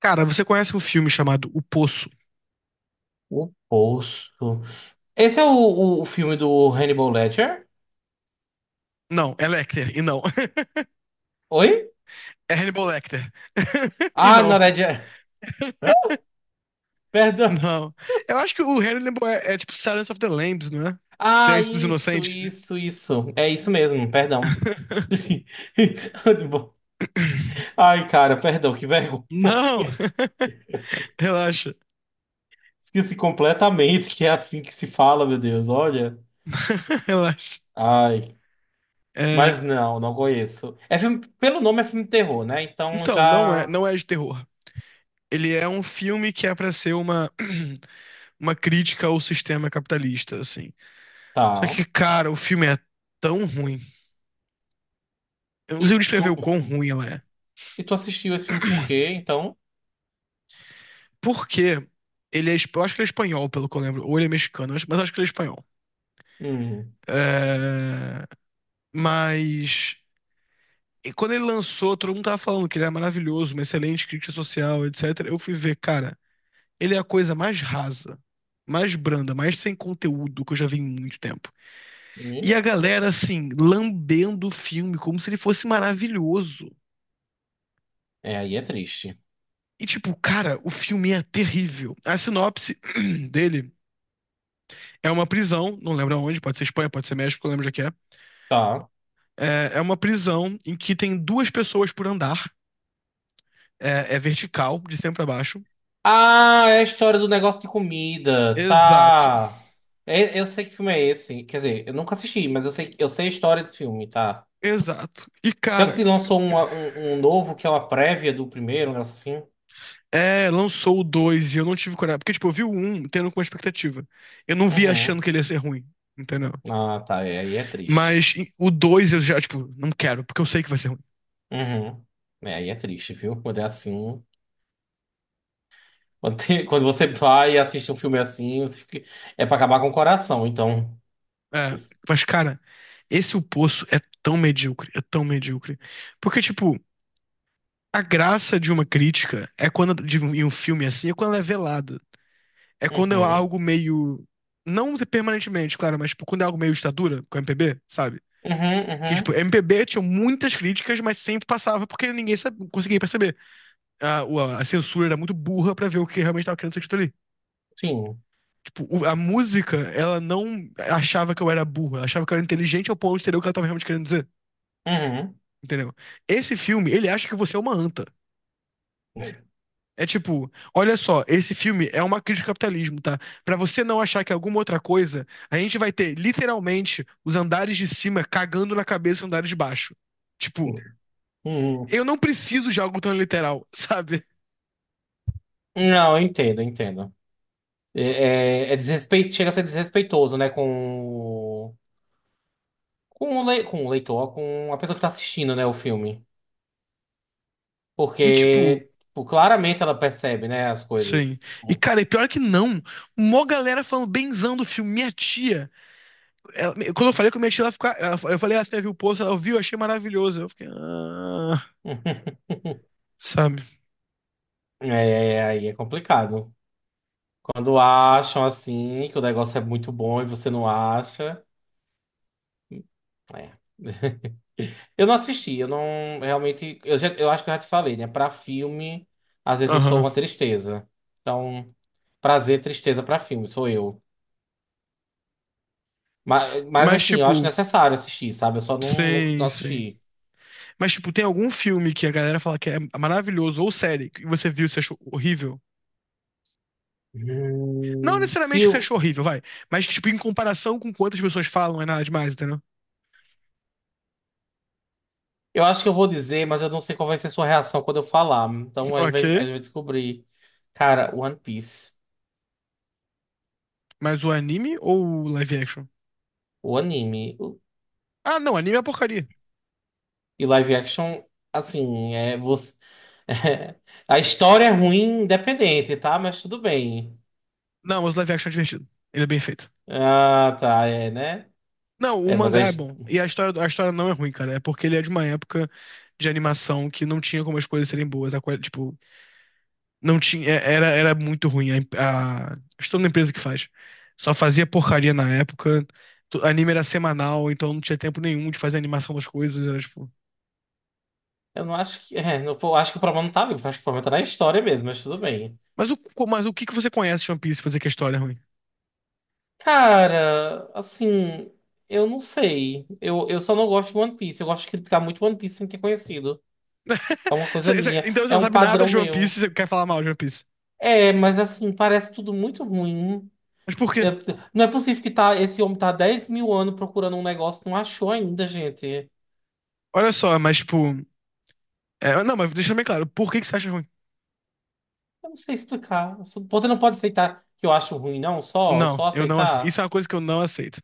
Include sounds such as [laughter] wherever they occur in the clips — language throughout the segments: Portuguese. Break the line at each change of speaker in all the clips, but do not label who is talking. Cara, você conhece um filme chamado O Poço?
O Poço. Esse é o filme do Hannibal Ledger?
Não, é Lecter, e não. [laughs]
Oi?
É Hannibal Lecter. [laughs] E
Ah, não,
não,
Ledger. [laughs] Perdão.
não. Eu acho que o Hannibal é tipo Silence of the Lambs, não é?
Ah,
Silêncio dos
isso,
Inocentes.
isso, isso. É isso mesmo, perdão.
[laughs]
[laughs] Hannibal. Ai, cara, perdão, que vergonha.
Não! [laughs] Relaxa.
Esqueci completamente que é assim que se fala, meu Deus, olha.
[laughs] Relaxa.
Ai,
É,
mas não, não conheço. É filme, pelo nome é filme de terror, né? Então
então, não é,
já
não é de terror. Ele é um filme que é pra ser [clears throat] uma crítica ao sistema capitalista, assim. Só
tá.
que, cara, o filme é tão ruim. Eu não
E
consigo
tu,
descrever o quão ruim ela é.
e tu assistiu esse filme por quê, então?
Porque ele é, eu acho que ele é espanhol, pelo que eu lembro, ou ele é mexicano, mas eu acho que ele é espanhol.
Hum.
É, mas e quando ele lançou, todo mundo tava falando que ele era maravilhoso, uma excelente crítica social, etc. Eu fui ver, cara, ele é a coisa mais rasa, mais branda, mais sem conteúdo que eu já vi em muito tempo.
Hum.
E a galera, assim, lambendo o filme como se ele fosse maravilhoso.
É, aí é triste.
E, tipo, cara, o filme é terrível. A sinopse [clears throat] dele é uma prisão, não lembro aonde, pode ser Espanha, pode ser México, não lembro onde é que é.
Tá.
É, é uma prisão em que tem duas pessoas por andar. É, é vertical, de cima pra baixo.
Ah, é a história do negócio de comida.
Exato,
Tá. Eu sei que filme é esse. Quer dizer, eu nunca assisti, mas eu sei a história desse filme, tá?
exato. E,
Pior que
cara,
te lançou um novo que é uma prévia do primeiro, um negócio assim.
é, lançou o dois e eu não tive coragem. Porque, tipo, eu vi o um, tendo com expectativa. Eu não vi achando
Uhum.
que ele ia ser ruim, entendeu?
Ah, tá. É, aí é triste.
Mas e, o 2 eu já, tipo, não quero, porque eu sei que vai ser ruim.
Uhum. É, aí é triste, viu? [laughs] Quando é assim. [laughs] Quando você vai e assiste um filme assim, é pra acabar com o coração, então.
É, mas, cara, esse O Poço é tão medíocre, é tão medíocre. Porque, tipo, a graça de uma crítica é quando, em um filme assim, é quando ela é velada. É quando é
Uhum.
algo meio. Não permanentemente, claro, mas tipo, quando é algo meio ditadura, com MPB, sabe?
Uhum,
Que, tipo,
uhum.
MPB tinha muitas críticas, mas sempre passava porque ninguém sabe, conseguia perceber. A censura era muito burra pra ver o que realmente tava querendo ser dito ali.
Sim.
Tipo, a música, ela não achava que eu era burro, ela achava que eu era inteligente ao ponto de entender o que ela tava realmente querendo dizer,
Uhum.
entendeu? Esse filme, ele acha que você é uma anta. É tipo, olha só, esse filme é uma crítica ao capitalismo, tá? Pra você não achar que é alguma outra coisa, a gente vai ter literalmente os andares de cima cagando na cabeça dos andares de baixo. Tipo,
[laughs] Uhum.
eu não preciso de algo tão literal, [laughs] sabe?
Não, eu entendo, eu entendo. É desrespeito, chega a ser desrespeitoso, né, com o leitor, com a pessoa que tá assistindo, né, o filme.
E tipo,
Porque, tipo, claramente ela percebe, né, as
sim.
coisas.
E
Tipo,
cara, e pior que não, mó galera falando benzão do filme, minha tia. Quando eu falei com minha tia, ela ficou, eu falei, ah, você já viu o post? Ela viu, achei maravilhoso. Eu fiquei, ah,
[laughs]
sabe?
É, aí é complicado. Quando acham, assim, que o negócio é muito bom e você não acha. É. Eu não assisti, eu não, realmente, eu acho que eu já te falei, né, pra filme, às vezes eu sou
Aham.
uma tristeza. Então, prazer, tristeza pra filme, sou eu. Mas
Mas
assim, eu acho
tipo,
necessário assistir, sabe? Eu só não
sim, sim.
assisti.
Mas, tipo, tem algum filme que a galera fala que é maravilhoso, ou série, que você viu e você achou horrível? Não
Hum,
necessariamente que você
fio-
achou horrível, vai. Mas que, tipo, em comparação com quantas pessoas falam, é nada demais, entendeu?
Eu acho que eu vou dizer, mas eu não sei qual vai ser sua reação quando eu falar.
[laughs]
Então a gente vai,
Ok.
a gente vai descobrir. Cara, One Piece,
Mas o anime ou o live action?
o anime o-
Ah, não, anime é porcaria.
e live action, assim, é você. [laughs] A história é ruim, independente, tá? Mas tudo bem.
Não, mas o live action é divertido. Ele é bem feito.
Ah, tá, é, né?
Não, o
É,
mangá é bom. E a história não é ruim, cara. É porque ele é de uma época de animação que não tinha como as coisas serem boas. A coisa, tipo, não tinha, é, era muito ruim. Estou na empresa que faz. Só fazia porcaria na época. Anime era semanal, então não tinha tempo nenhum de fazer a animação das coisas. Era tipo.
eu não acho que. É, eu acho que o problema não tá vivo, acho que o problema tá na história mesmo, mas tudo bem.
Mas o que que você conhece de One Piece pra dizer que a história é ruim?
Cara, assim, eu não sei. Eu só não gosto de One Piece. Eu gosto de criticar muito One Piece sem ter conhecido. É uma
[laughs]
coisa minha,
Então você
é
não
um
sabe nada
padrão
de One
meu.
Piece e você quer falar mal de One Piece.
É, mas assim, parece tudo muito ruim.
Mas por quê?
Eu- não é possível que tá, esse homem tá há 10 mil anos procurando um negócio que não achou ainda, gente. Eu
Olha só, mas tipo. É, não, mas deixa bem claro, por que que você acha ruim?
não sei explicar. Você não pode aceitar que eu acho ruim, não? Só,
Não,
só
eu não,
aceitar?
isso é uma coisa que eu não aceito.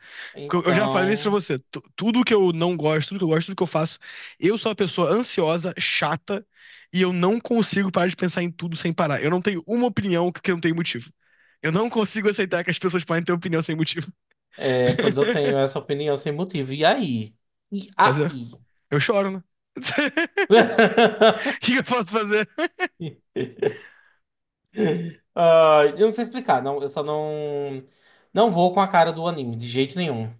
Porque eu já falei isso pra
Então,
você. Tudo que eu não gosto, tudo que eu gosto, tudo que eu faço, eu sou uma pessoa ansiosa, chata, e eu não consigo parar de pensar em tudo sem parar. Eu não tenho uma opinião que não tem motivo. Eu não consigo aceitar que as pessoas podem ter opinião sem motivo.
é, pois eu
[laughs]
tenho essa opinião sem motivo. E aí? E
Fazer.
aí?
Eu choro, né? [laughs] O que que
[laughs]
eu posso fazer?
Ah, eu não sei explicar, não, eu só não vou com a cara do anime, de jeito nenhum.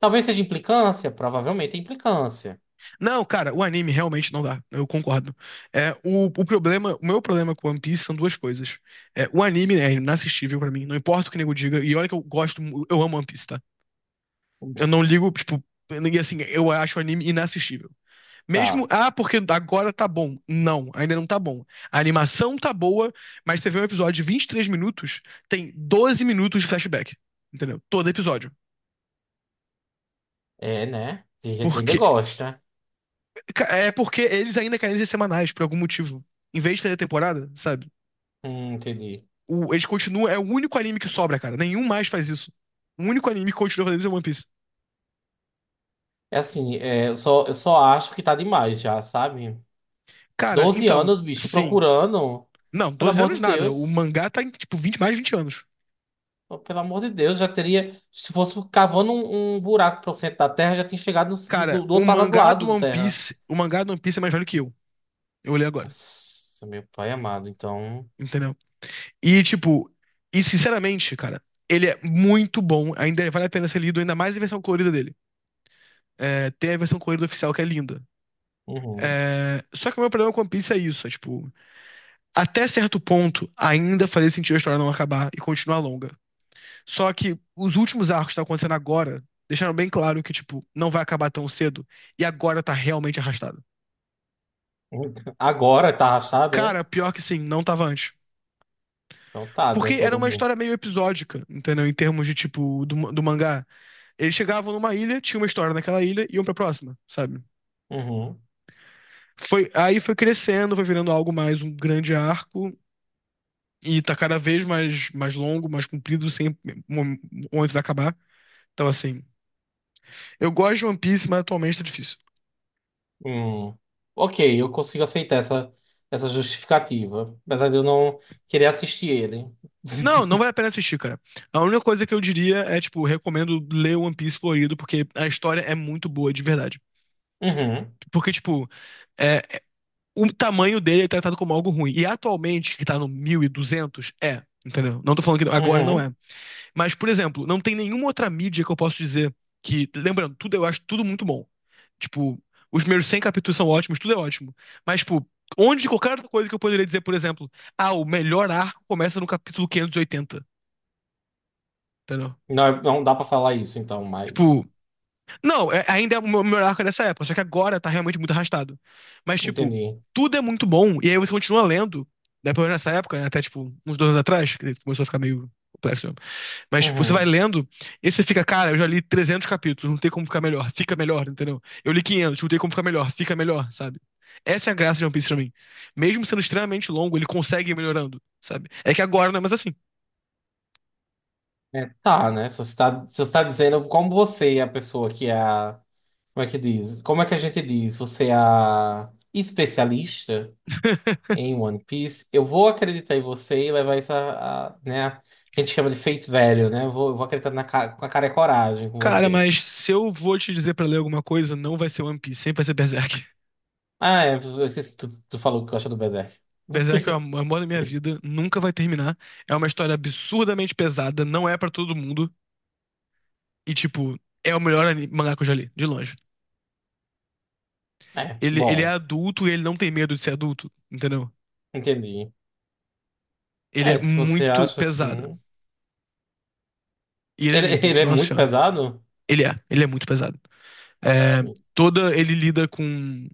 Talvez seja implicância, provavelmente é implicância.
Não, cara, o anime realmente não dá. Eu concordo. É, o problema, o meu problema com One Piece são duas coisas. É, o anime é inassistível pra mim, não importa o que o nego diga. E olha que eu gosto, eu amo One Piece, tá? Eu não ligo, tipo, e assim, eu acho o anime inassistível. Mesmo,
Tá,
ah, porque agora tá bom. Não, ainda não tá bom. A animação tá boa, mas você vê um episódio de 23 minutos, tem 12 minutos de flashback. Entendeu? Todo episódio.
é, né? Tem gente que ainda
Porque,
gosta.
é porque eles ainda querem ser semanais, por algum motivo. Em vez de fazer temporada, sabe?
Entendi.
Eles continuam, é o único anime que sobra, cara. Nenhum mais faz isso. O único anime que continua fazendo isso é One Piece.
É assim, é, eu só acho que tá demais já, sabe?
Cara,
12
então,
anos, bicho,
sim.
procurando.
Não,
Pelo
12
amor
anos
de
nada. O
Deus.
mangá tá em, tipo, 20 mais de 20 anos.
Pelo amor de Deus, já teria. Se fosse cavando um buraco pro centro da Terra, já tinha chegado
Cara,
do
o
outro
mangá
lado
do
do
One
Terra.
Piece, o mangá do One Piece é mais velho que eu. Eu olhei agora,
Nossa, meu pai amado, então.
entendeu? E, tipo, e sinceramente, cara, ele é muito bom. Ainda vale a pena ser lido, ainda mais a versão colorida dele. É, tem a versão colorida oficial que é linda.
Uhum.
É, só que o meu problema com One Piece é isso, é tipo, até certo ponto, ainda fazia sentido a história não acabar e continuar longa. Só que os últimos arcos que estão acontecendo agora deixaram bem claro que, tipo, não vai acabar tão cedo e agora tá realmente arrastado.
Então, agora tá rachado, é?
Cara, pior que sim, não tava antes.
Então tá, né?
Porque era
Todo
uma
mundo.
história meio episódica, entendeu? Em termos de, tipo, do, do mangá. Eles chegavam numa ilha, tinha uma história naquela ilha e iam pra próxima, sabe?
Uhum.
Foi, aí foi crescendo, foi virando algo mais um grande arco e tá cada vez mais, mais longo, mais comprido, sem mo- momento de acabar. Então, assim, eu gosto de One Piece, mas atualmente tá difícil.
Hum. Ok, eu consigo aceitar essa justificativa. Apesar de eu não querer assistir ele.
Não, não vale a
[laughs]
pena assistir, cara. A única coisa que eu diria é, tipo, recomendo ler One Piece colorido, porque a história é muito boa, de verdade.
Uhum.
Porque, tipo, é, o tamanho dele é tratado como algo ruim. E atualmente, que tá no 1.200 é, entendeu? Não tô falando que agora não
Uhum.
é. Mas, por exemplo, não tem nenhuma outra mídia que eu posso dizer que. Lembrando, tudo eu acho tudo muito bom. Tipo, os primeiros 100 capítulos são ótimos, tudo é ótimo. Mas, tipo, onde qualquer outra coisa que eu poderia dizer, por exemplo, ah, o melhor arco começa no capítulo 580, entendeu?
Não, não dá pra falar isso, então, mas.
Tipo, não, ainda é o meu melhor arco dessa época, só que agora tá realmente muito arrastado. Mas, tipo,
Entendi.
tudo é muito bom, e aí você continua lendo, né, pelo menos nessa época, né, até, tipo, uns dois anos atrás, que começou a ficar meio complexo. Mas, tipo, você vai
Uhum.
lendo e você fica, cara, eu já li 300 capítulos, não tem como ficar melhor, fica melhor, entendeu? Eu li 500 não tem como ficar melhor, fica melhor, sabe? Essa é a graça de One Piece pra mim. Mesmo sendo extremamente longo, ele consegue ir melhorando, sabe? É que agora não é mais assim.
É, tá, né? Se você tá dizendo como você é a pessoa que é a. Como é que diz? Como é que a gente diz? Você é a especialista?
[laughs]
Em One Piece, eu vou acreditar em você e levar isso a, né, que a gente chama de face value, né? Eu vou acreditar com a cara e coragem com
Cara,
você.
mas se eu vou te dizer pra ler alguma coisa, não vai ser One Piece, sempre vai ser Berserk. [laughs]
Ah, é, eu esqueci que tu falou que gosta do Berserk.
Berserk é o amor da minha vida, nunca vai terminar. É uma história absurdamente pesada, não é pra todo mundo. E, tipo, é o melhor mangá que eu já li, de longe.
É,
Ele é
bom,
adulto e ele não tem medo de ser adulto, entendeu?
entendi.
Ele é
É, se você
muito
acha
pesado.
assim.
E ele é
Ele, [laughs]
lindo,
ele é
nossa
muito
senhora.
pesado?
Ele é muito pesado. É, ele lida com,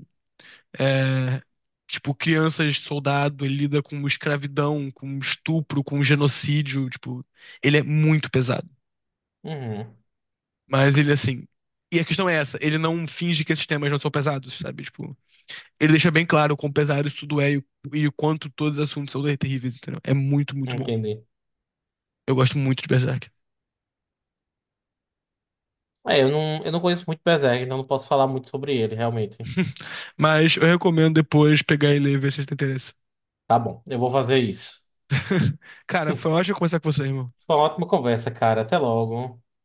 é, tipo, crianças soldado, ele lida com escravidão, com estupro, com genocídio, tipo, ele é muito pesado.
Uhum,
Mas ele, assim, e a questão é essa, ele não finge que esses temas não são pesados, sabe? Tipo, ele deixa bem claro o quão pesado isso tudo é e, e o quanto todos os assuntos são terríveis, entendeu? É muito, muito bom.
entendi.
Eu gosto muito de Berserk.
É, eu não conheço muito Berserk, então não posso falar muito sobre ele, realmente.
[laughs] Mas eu recomendo depois pegar e ler, ver se você tem interesse.
Tá bom, eu vou fazer isso.
[laughs] Cara, foi
[laughs]
ótimo conversar com você, irmão.
Foi uma ótima conversa, cara. Até logo.